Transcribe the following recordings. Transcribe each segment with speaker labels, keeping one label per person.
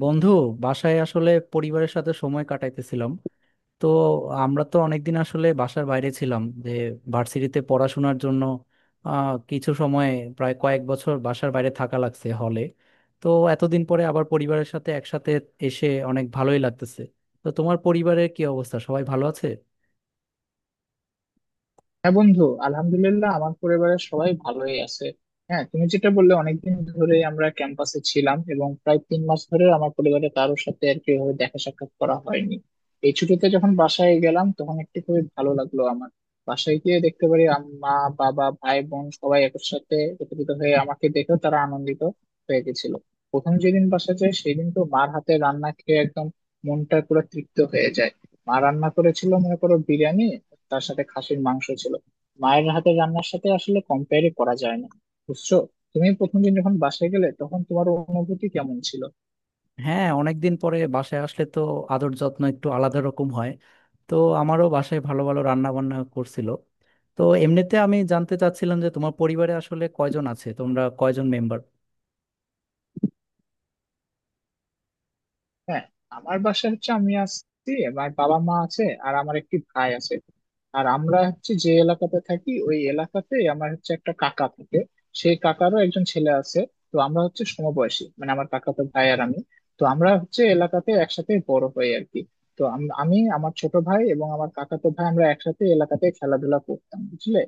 Speaker 1: বন্ধু, বাসায় আসলে পরিবারের সাথে সময় কাটাইতেছিলাম। তো আমরা তো অনেকদিন আসলে বাসার বাইরে ছিলাম, যে ভার্সিটিতে পড়াশোনার জন্য কিছু সময়, প্রায় কয়েক বছর বাসার বাইরে থাকা লাগছে হলে। তো এতদিন পরে আবার পরিবারের সাথে একসাথে এসে অনেক ভালোই লাগতেছে। তো তোমার পরিবারের কি অবস্থা, সবাই ভালো আছে?
Speaker 2: হ্যাঁ বন্ধু, আলহামদুলিল্লাহ। আমার পরিবারের সবাই ভালোই আছে। হ্যাঁ, তুমি যেটা বললে অনেকদিন ধরে আমরা ক্যাম্পাসে ছিলাম, এবং প্রায় 3 মাস ধরে আমার পরিবারের কারোর সাথে আর কি ওভাবে দেখা সাক্ষাৎ করা হয়নি। এই ছুটিতে যখন বাসায় গেলাম তখন একটু খুবই ভালো লাগলো আমার। বাসায় গিয়ে দেখতে পারি মা, বাবা, ভাই, বোন সবাই একসাথে একত্রিত হয়ে আমাকে দেখেও তারা আনন্দিত হয়ে গেছিল। প্রথম যেদিন বাসায় যাই সেদিন তো মার হাতে রান্না খেয়ে একদম মনটা পুরো তৃপ্ত হয়ে যায়। মা রান্না করেছিল মনে করো বিরিয়ানি, তার সাথে খাসির মাংস ছিল। মায়ের হাতের রান্নার সাথে আসলে কম্পেয়ারই করা যায় না, বুঝছো? তুমি প্রথম দিন যখন বাসায় গেলে তখন তোমার অনুভূতি কেমন ছিল?
Speaker 1: হ্যাঁ, অনেকদিন পরে বাসায় আসলে তো আদর যত্ন একটু আলাদা রকম হয়। তো আমারও বাসায় ভালো ভালো রান্না বান্না করছিল। তো এমনিতে আমি জানতে চাচ্ছিলাম যে তোমার পরিবারে আসলে কয়জন আছে, তোমরা কয়জন মেম্বার?
Speaker 2: হ্যাঁ, আমার বাসায় হচ্ছে আমি আছি, আমার বাবা মা আছে, আর আমার একটি ভাই আছে। আর আমরা হচ্ছে যে এলাকাতে থাকি ওই এলাকাতে আমার হচ্ছে একটা কাকা থাকে, সেই কাকারও একজন ছেলে আছে। তো আমরা হচ্ছে সমবয়সী, মানে আমার কাকাতো ভাই আর আমি। তো আমরা হচ্ছে এলাকাতে একসাথে বড় হই আর কি। তো আমি, আমার ছোট ভাই এবং আমার কাকাতো ভাই আমরা একসাথে এলাকাতে খেলাধুলা করতাম, বুঝলে?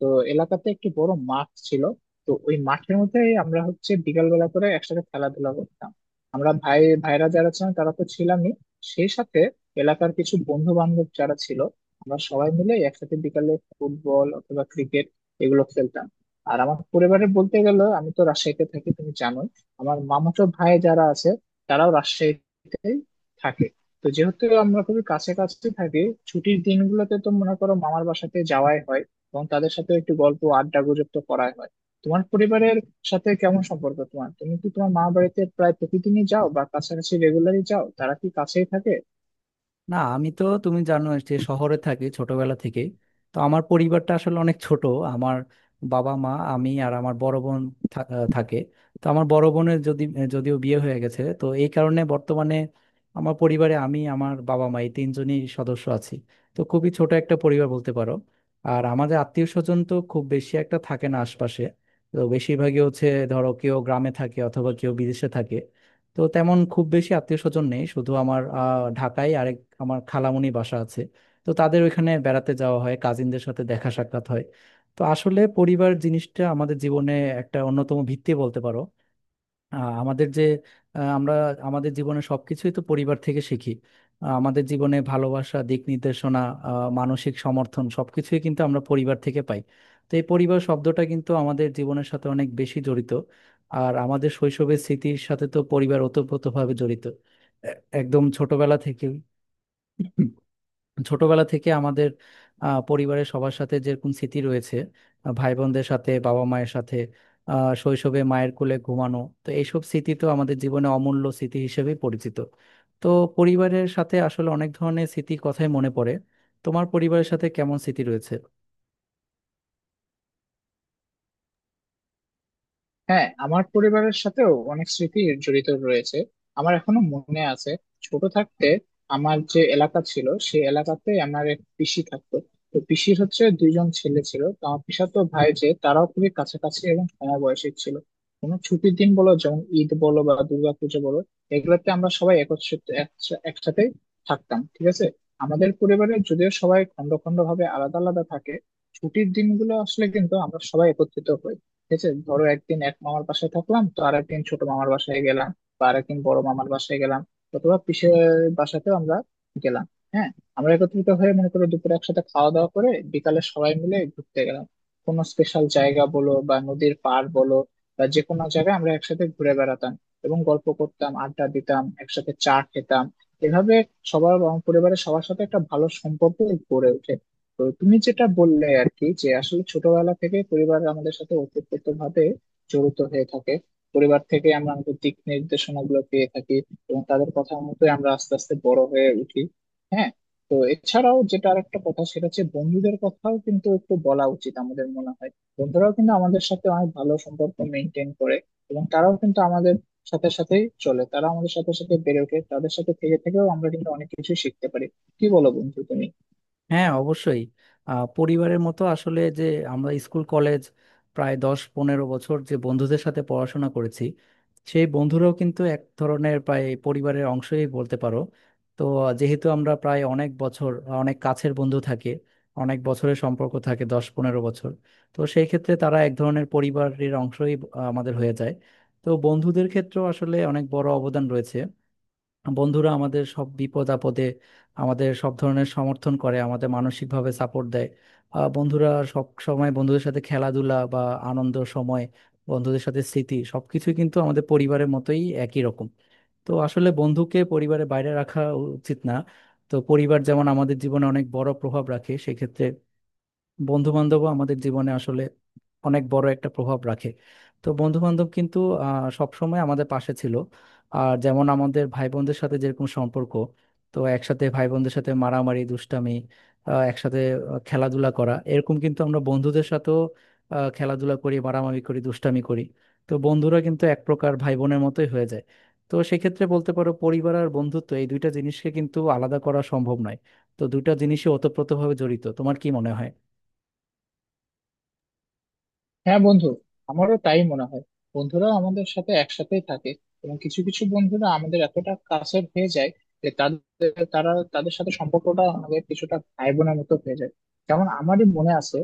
Speaker 2: তো এলাকাতে একটি বড় মাঠ ছিল। তো ওই মাঠের মধ্যে আমরা হচ্ছে বিকালবেলা করে একসাথে খেলাধুলা করতাম। আমরা ভাই ভাইরা যারা ছিলাম তারা তো ছিলামই, সেই সাথে এলাকার কিছু বন্ধু বান্ধব যারা ছিল, আমরা সবাই মিলে একসাথে বিকালে ফুটবল অথবা ক্রিকেট এগুলো খেলতাম। আর আমার পরিবারে বলতে গেলে আমি তো রাজশাহীতে থাকি তুমি জানো। আমার মামাতো ভাই যারা আছে তারাও রাজশাহীতে থাকে। তো যেহেতু আমরা খুবই কাছে কাছে থাকি, ছুটির দিনগুলোতে তো মনে করো মামার বাসাতে যাওয়াই হয়, এবং তাদের সাথে একটু গল্প আড্ডা গুজব তো করাই হয়। তোমার পরিবারের সাথে কেমন সম্পর্ক তোমার? তুমি কি তোমার মা বাড়িতে প্রায় প্রতিদিনই যাও বা কাছাকাছি রেগুলারই যাও? তারা কি কাছেই থাকে?
Speaker 1: না, আমি তো তুমি জানো যে শহরে থাকি ছোটবেলা থেকে। তো আমার পরিবারটা আসলে অনেক ছোট। আমার বাবা মা, আমি আর আমার বড় বোন থাকে। তো আমার বড় বোনের যদিও বিয়ে হয়ে গেছে, তো এই কারণে বর্তমানে আমার পরিবারে আমি, আমার বাবা মা, এই তিনজনই সদস্য আছি। তো খুবই ছোট একটা পরিবার বলতে পারো। আর আমাদের আত্মীয় স্বজন তো খুব বেশি একটা থাকে না আশপাশে। তো বেশিরভাগই হচ্ছে, ধরো কেউ গ্রামে থাকে অথবা কেউ বিদেশে থাকে। তো তেমন খুব বেশি আত্মীয় স্বজন নেই, শুধু আমার ঢাকায় আরেক আমার খালামণি বাসা আছে। তো তাদের ওইখানে বেড়াতে যাওয়া হয়, কাজিনদের সাথে দেখা সাক্ষাৎ হয়। তো আসলে পরিবার জিনিসটা আমাদের জীবনে একটা অন্যতম ভিত্তি বলতে পারো। আহ আমাদের যে আহ আমরা আমাদের জীবনে সবকিছুই তো পরিবার থেকে শিখি। আমাদের জীবনে ভালোবাসা, দিক নির্দেশনা, মানসিক সমর্থন সবকিছুই কিন্তু আমরা পরিবার থেকে পাই। তো এই পরিবার শব্দটা কিন্তু আমাদের জীবনের সাথে অনেক বেশি জড়িত। আর আমাদের শৈশবের স্মৃতির সাথে তো পরিবার ওতপ্রোতভাবে জড়িত। এ- একদম ছোটবেলা থেকেই, ছোটবেলা থেকে আমাদের পরিবারের সবার সাথে যেরকম স্মৃতি রয়েছে, ভাই বোনদের সাথে, বাবা মায়ের সাথে, শৈশবে মায়ের কোলে ঘুমানো, তো এইসব স্মৃতি তো আমাদের জীবনে অমূল্য স্মৃতি হিসেবে পরিচিত। তো পরিবারের সাথে আসলে অনেক ধরনের স্মৃতির কথাই মনে পড়ে। তোমার পরিবারের সাথে কেমন স্মৃতি রয়েছে?
Speaker 2: হ্যাঁ, আমার পরিবারের সাথেও অনেক স্মৃতি জড়িত রয়েছে। আমার এখনো মনে আছে, ছোট থাকতে আমার যে এলাকা ছিল সেই এলাকাতে আমার এক পিসি থাকতো। তো পিসির হচ্ছে দুইজন ছেলে ছিল, তো আমার পিসাতো ভাই যে, তারাও খুবই কাছাকাছি এবং সমবয়সী ছিল। কোনো ছুটির দিন বলো, যেমন ঈদ বলো বা দুর্গাপুজো বলো, এগুলোতে আমরা সবাই একত্রিত একসাথে থাকতাম, ঠিক আছে? আমাদের পরিবারে যদিও সবাই খন্ড খন্ড ভাবে আলাদা আলাদা থাকে, ছুটির দিনগুলো আসলে কিন্তু আমরা সবাই একত্রিত হই। ঠিক আছে, ধরো একদিন এক মামার বাসায় থাকলাম, তো আর একদিন ছোট মামার বাসায় গেলাম, বা আরেকদিন বড় মামার বাসায় গেলাম, অথবা পিসের বাসাতেও আমরা গেলাম। হ্যাঁ, আমরা একত্রিত হয়ে মনে করো দুপুরে একসাথে খাওয়া দাওয়া করে বিকালে সবাই মিলে ঘুরতে গেলাম। কোনো স্পেশাল জায়গা বলো বা নদীর পাড় বলো, বা যে কোনো জায়গায় আমরা একসাথে ঘুরে বেড়াতাম, এবং গল্প করতাম, আড্ডা দিতাম, একসাথে চা খেতাম। এভাবে সবার, আমার পরিবারের সবার সাথে একটা ভালো সম্পর্ক গড়ে ওঠে। তো তুমি যেটা বললে আর কি, যে আসলে ছোটবেলা থেকে পরিবার আমাদের সাথে ওতপ্রোত ভাবে জড়িত হয়ে থাকে। পরিবার থেকে আমরা আমাদের দিক নির্দেশনা গুলো পেয়ে থাকি, এবং তাদের কথা মতোই আমরা আস্তে আস্তে বড় হয়ে উঠি। হ্যাঁ। তো এছাড়াও যেটা আরেকটা কথা সেটা হচ্ছে বন্ধুদের কথাও কিন্তু একটু বলা উচিত আমাদের মনে হয়। বন্ধুরাও কিন্তু আমাদের সাথে অনেক ভালো সম্পর্ক মেনটেন করে, এবং তারাও কিন্তু আমাদের সাথে সাথেই চলে, তারা আমাদের সাথে সাথে বেড়ে ওঠে, তাদের সাথে থেকে থেকেও আমরা কিন্তু অনেক কিছু শিখতে পারি। কি বলো বন্ধু তুমি?
Speaker 1: হ্যাঁ, অবশ্যই। পরিবারের মতো আসলে যে আমরা স্কুল কলেজ প্রায় 10-15 বছর যে বন্ধুদের সাথে পড়াশোনা করেছি, সেই বন্ধুরাও কিন্তু এক ধরনের প্রায় পরিবারের অংশই বলতে পারো। তো যেহেতু আমরা প্রায় অনেক বছর, অনেক কাছের বন্ধু থাকে, অনেক বছরের সম্পর্ক থাকে 10-15 বছর, তো সেই ক্ষেত্রে তারা এক ধরনের পরিবারের অংশই আমাদের হয়ে যায়। তো বন্ধুদের ক্ষেত্রেও আসলে অনেক বড় অবদান রয়েছে। বন্ধুরা আমাদের সব বিপদ আপদে আমাদের সব ধরনের সমর্থন করে, আমাদের মানসিকভাবে সাপোর্ট দেয়। বন্ধুরা সব সময়, বন্ধুদের সাথে খেলাধুলা বা আনন্দ সময়, বন্ধুদের সাথে স্মৃতি সবকিছুই কিন্তু আমাদের পরিবারের মতোই একই রকম। তো আসলে বন্ধুকে পরিবারের বাইরে রাখা উচিত না। তো পরিবার যেমন আমাদের জীবনে অনেক বড় প্রভাব রাখে, সেক্ষেত্রে বন্ধু বান্ধব আমাদের জীবনে আসলে অনেক বড় একটা প্রভাব রাখে। তো বন্ধু বান্ধব কিন্তু সব সময় আমাদের পাশে ছিল। আর যেমন আমাদের ভাই বোনদের সাথে যেরকম সম্পর্ক, তো একসাথে ভাই বোনদের সাথে মারামারি দুষ্টামি, একসাথে খেলাধুলা করা, এরকম কিন্তু আমরা বন্ধুদের সাথেও খেলাধুলা করি, মারামারি করি, দুষ্টামি করি। তো বন্ধুরা কিন্তু এক প্রকার ভাই বোনের মতোই হয়ে যায়। তো সেক্ষেত্রে বলতে পারো পরিবার আর বন্ধুত্ব এই দুইটা জিনিসকে কিন্তু আলাদা করা সম্ভব নয়। তো দুইটা জিনিসই ওতপ্রোতভাবে জড়িত, তোমার কি মনে হয়?
Speaker 2: হ্যাঁ বন্ধু, আমারও তাই মনে হয়। বন্ধুরা আমাদের সাথে একসাথেই থাকে, এবং কিছু কিছু বন্ধুরা আমাদের এতটা কাছের হয়ে যায় যে তাদের, তারা, তাদের সাথে সম্পর্কটা আমাদের কিছুটা ভাই বোনের মতো হয়ে যায়। যেমন আমারই মনে আছে,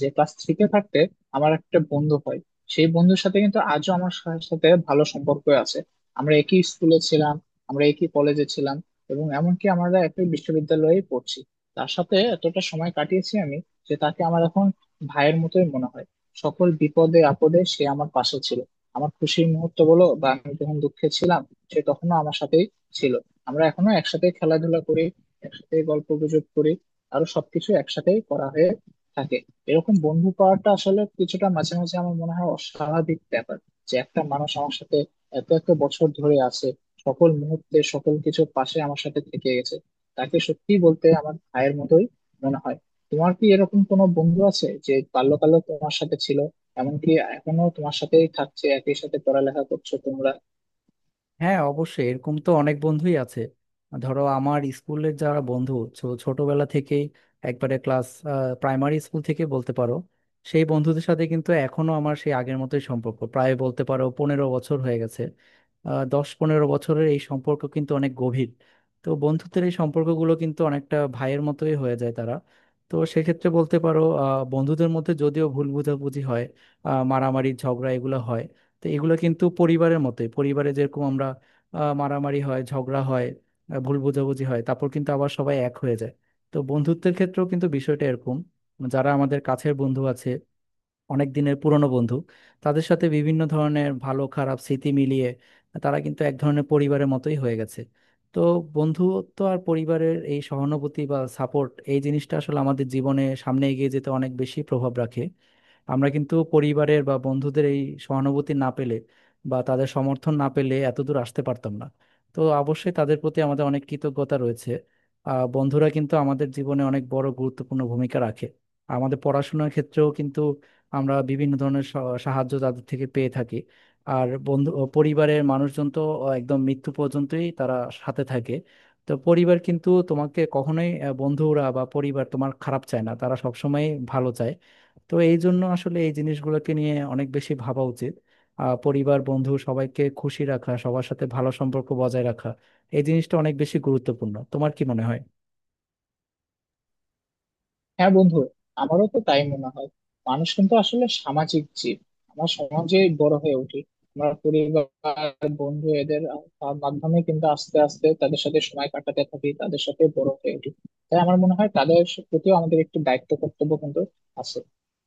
Speaker 2: যে ক্লাস থ্রিতে থাকতে আমার একটা বন্ধু হয়, সেই বন্ধুর সাথে কিন্তু আজও আমার সাথে ভালো সম্পর্ক আছে। আমরা একই স্কুলে ছিলাম, আমরা একই কলেজে ছিলাম, এবং এমনকি আমরা একই বিশ্ববিদ্যালয়ে পড়ছি। তার সাথে এতটা সময় কাটিয়েছি আমি যে তাকে আমার এখন ভাইয়ের মতোই মনে হয়। সকল বিপদে আপদে সে আমার পাশে ছিল। আমার খুশির মুহূর্ত বলো বা আমি যখন দুঃখে ছিলাম, সে তখনো আমার সাথেই ছিল। আমরা এখনো একসাথে খেলাধুলা করি, একসাথে গল্প গুজব করি, আরো সবকিছু একসাথেই করা হয়ে থাকে। এরকম বন্ধু পাওয়াটা আসলে কিছুটা মাঝে মাঝে আমার মনে হয় অস্বাভাবিক ব্যাপার। যে একটা মানুষ আমার সাথে এত এত বছর ধরে আছে, সকল মুহূর্তে সকল কিছুর পাশে আমার সাথে থেকে গেছে, তাকে সত্যি বলতে আমার ভাইয়ের মতোই মনে হয়। তোমার কি এরকম কোনো বন্ধু আছে যে বাল্যকালে তোমার সাথে ছিল, এমনকি এখনো তোমার সাথেই থাকছে, একই সাথে পড়ালেখা করছো তোমরা?
Speaker 1: হ্যাঁ, অবশ্যই এরকম তো অনেক বন্ধুই আছে। ধরো আমার স্কুলের যারা বন্ধু, ছোটবেলা থেকেই, একবারে ক্লাস প্রাইমারি স্কুল থেকে বলতে পারো, সেই বন্ধুদের সাথে কিন্তু এখনো আমার সেই আগের মতোই সম্পর্ক, প্রায় বলতে পারো 15 বছর হয়ে গেছে। 10-15 বছরের এই সম্পর্ক কিন্তু অনেক গভীর। তো বন্ধুত্বের এই সম্পর্কগুলো কিন্তু অনেকটা ভাইয়ের মতোই হয়ে যায় তারা। তো সেক্ষেত্রে বলতে পারো বন্ধুদের মধ্যে যদিও ভুল বোঝাবুঝি হয়, মারামারি ঝগড়া এগুলো হয়। তো এগুলো কিন্তু পরিবারের মতোই, পরিবারে যেরকম আমরা মারামারি হয় ঝগড়া হয়, ভুল বোঝাবুঝি হয়, তারপর কিন্তু আবার সবাই এক হয়ে যায়। তো বন্ধুত্বের ক্ষেত্রেও কিন্তু বিষয়টা এরকম, যারা আমাদের কাছের বন্ধু আছে, অনেক দিনের পুরনো বন্ধু, তাদের সাথে বিভিন্ন ধরনের ভালো খারাপ স্মৃতি মিলিয়ে তারা কিন্তু এক ধরনের পরিবারের মতোই হয়ে গেছে। তো বন্ধুত্ব আর পরিবারের এই সহানুভূতি বা সাপোর্ট এই জিনিসটা আসলে আমাদের জীবনে সামনে এগিয়ে যেতে অনেক বেশি প্রভাব রাখে। আমরা কিন্তু পরিবারের বা বন্ধুদের এই সহানুভূতি না পেলে বা তাদের সমর্থন না পেলে এত দূর আসতে পারতাম না। তো অবশ্যই তাদের প্রতি আমাদের অনেক কৃতজ্ঞতা রয়েছে। বন্ধুরা কিন্তু আমাদের জীবনে অনেক বড় গুরুত্বপূর্ণ ভূমিকা রাখে। আমাদের পড়াশোনার ক্ষেত্রেও কিন্তু আমরা বিভিন্ন ধরনের সাহায্য তাদের থেকে পেয়ে থাকি। আর বন্ধু ও পরিবারের মানুষজন তো একদম মৃত্যু পর্যন্তই তারা সাথে থাকে। তো পরিবার কিন্তু তোমাকে কখনোই বন্ধুরা বা পরিবার তোমার খারাপ চায় না, তারা সবসময় ভালো চায়। তো এই জন্য আসলে এই জিনিসগুলোকে নিয়ে অনেক বেশি ভাবা উচিত। পরিবার বন্ধু সবাইকে খুশি রাখা, সবার সাথে ভালো সম্পর্ক বজায় রাখা এই জিনিসটা অনেক বেশি গুরুত্বপূর্ণ, তোমার কি মনে হয়?
Speaker 2: হ্যাঁ বন্ধু, আমারও তো তাই মনে হয়। মানুষ কিন্তু আসলে সামাজিক জীব, আমরা সমাজে বড় হয়ে উঠি। আমরা পরিবার, বন্ধু এদের মাধ্যমে কিন্তু আস্তে আস্তে তাদের সাথে সময় কাটাতে থাকি, তাদের সাথে বড় হয়ে উঠি। তাই আমার মনে হয় তাদের প্রতিও আমাদের একটু দায়িত্ব কর্তব্য কিন্তু আছে।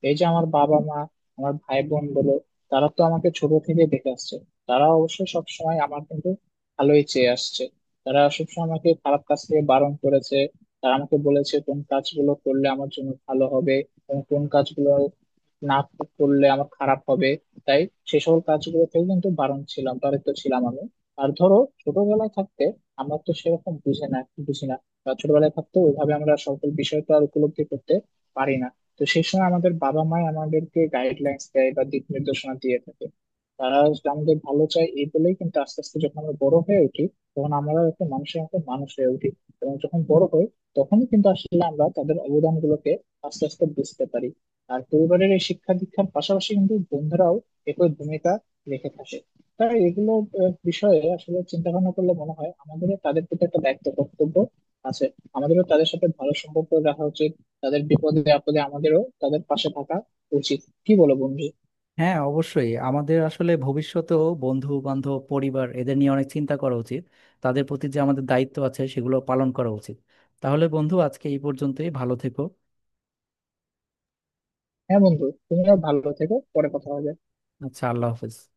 Speaker 2: এই যে আমার বাবা মা, আমার ভাই বোন বলো, তারা তো আমাকে ছোট থেকে দেখে আসছে, তারা অবশ্য সবসময় আমার কিন্তু ভালোই চেয়ে আসছে। তারা সবসময় আমাকে খারাপ কাজ থেকে বারণ করেছে, তারা আমাকে বলেছে কোন কাজগুলো করলে আমার জন্য ভালো হবে এবং কোন কাজগুলো না করলে আমার খারাপ হবে। তাই সে সকল কাজগুলো থেকে কিন্তু বারণ ছিলাম, বারিত ছিলাম আমি। আর ধরো ছোটবেলায় থাকতে আমরা তো সেরকম বুঝে না, বুঝি না, বা ছোটবেলায় থাকতে ওইভাবে আমরা সকল বিষয়টা আর উপলব্ধি করতে পারি না। তো সেই সময় আমাদের বাবা মাই আমাদেরকে গাইডলাইন্স দেয় বা দিক নির্দেশনা দিয়ে থাকে। তারা আমাদের ভালো চায় এই বলেই কিন্তু আস্তে আস্তে যখন আমরা বড় হয়ে উঠি তখন আমরা একটা মানুষের মতো মানুষ হয়ে উঠি। এবং যখন বড় হই তখনই কিন্তু আসলে আমরা তাদের অবদান গুলোকে আস্তে আস্তে বুঝতে পারি। আর পরিবারের এই শিক্ষা দীক্ষার পাশাপাশি কিন্তু বন্ধুরাও একই ভূমিকা রেখে থাকে। তাই এগুলো বিষয়ে আসলে চিন্তা ভাবনা করলে মনে হয় আমাদেরও তাদের প্রতি একটা দায়িত্ব কর্তব্য আছে। আমাদেরও তাদের সাথে ভালো সম্পর্ক রাখা উচিত, তাদের বিপদে আপদে আমাদেরও তাদের পাশে থাকা উচিত। কি বলো বন্ধু?
Speaker 1: হ্যাঁ, অবশ্যই আমাদের আসলে ভবিষ্যতেও বন্ধু বান্ধব পরিবার এদের নিয়ে অনেক চিন্তা করা উচিত, তাদের প্রতি যে আমাদের দায়িত্ব আছে সেগুলো পালন করা উচিত। তাহলে বন্ধু, আজকে এই পর্যন্তই, ভালো থেকো।
Speaker 2: হ্যাঁ বন্ধু, তুমিও ভালো থেকো, পরে কথা হবে।
Speaker 1: আচ্ছা, আল্লাহ হাফেজ।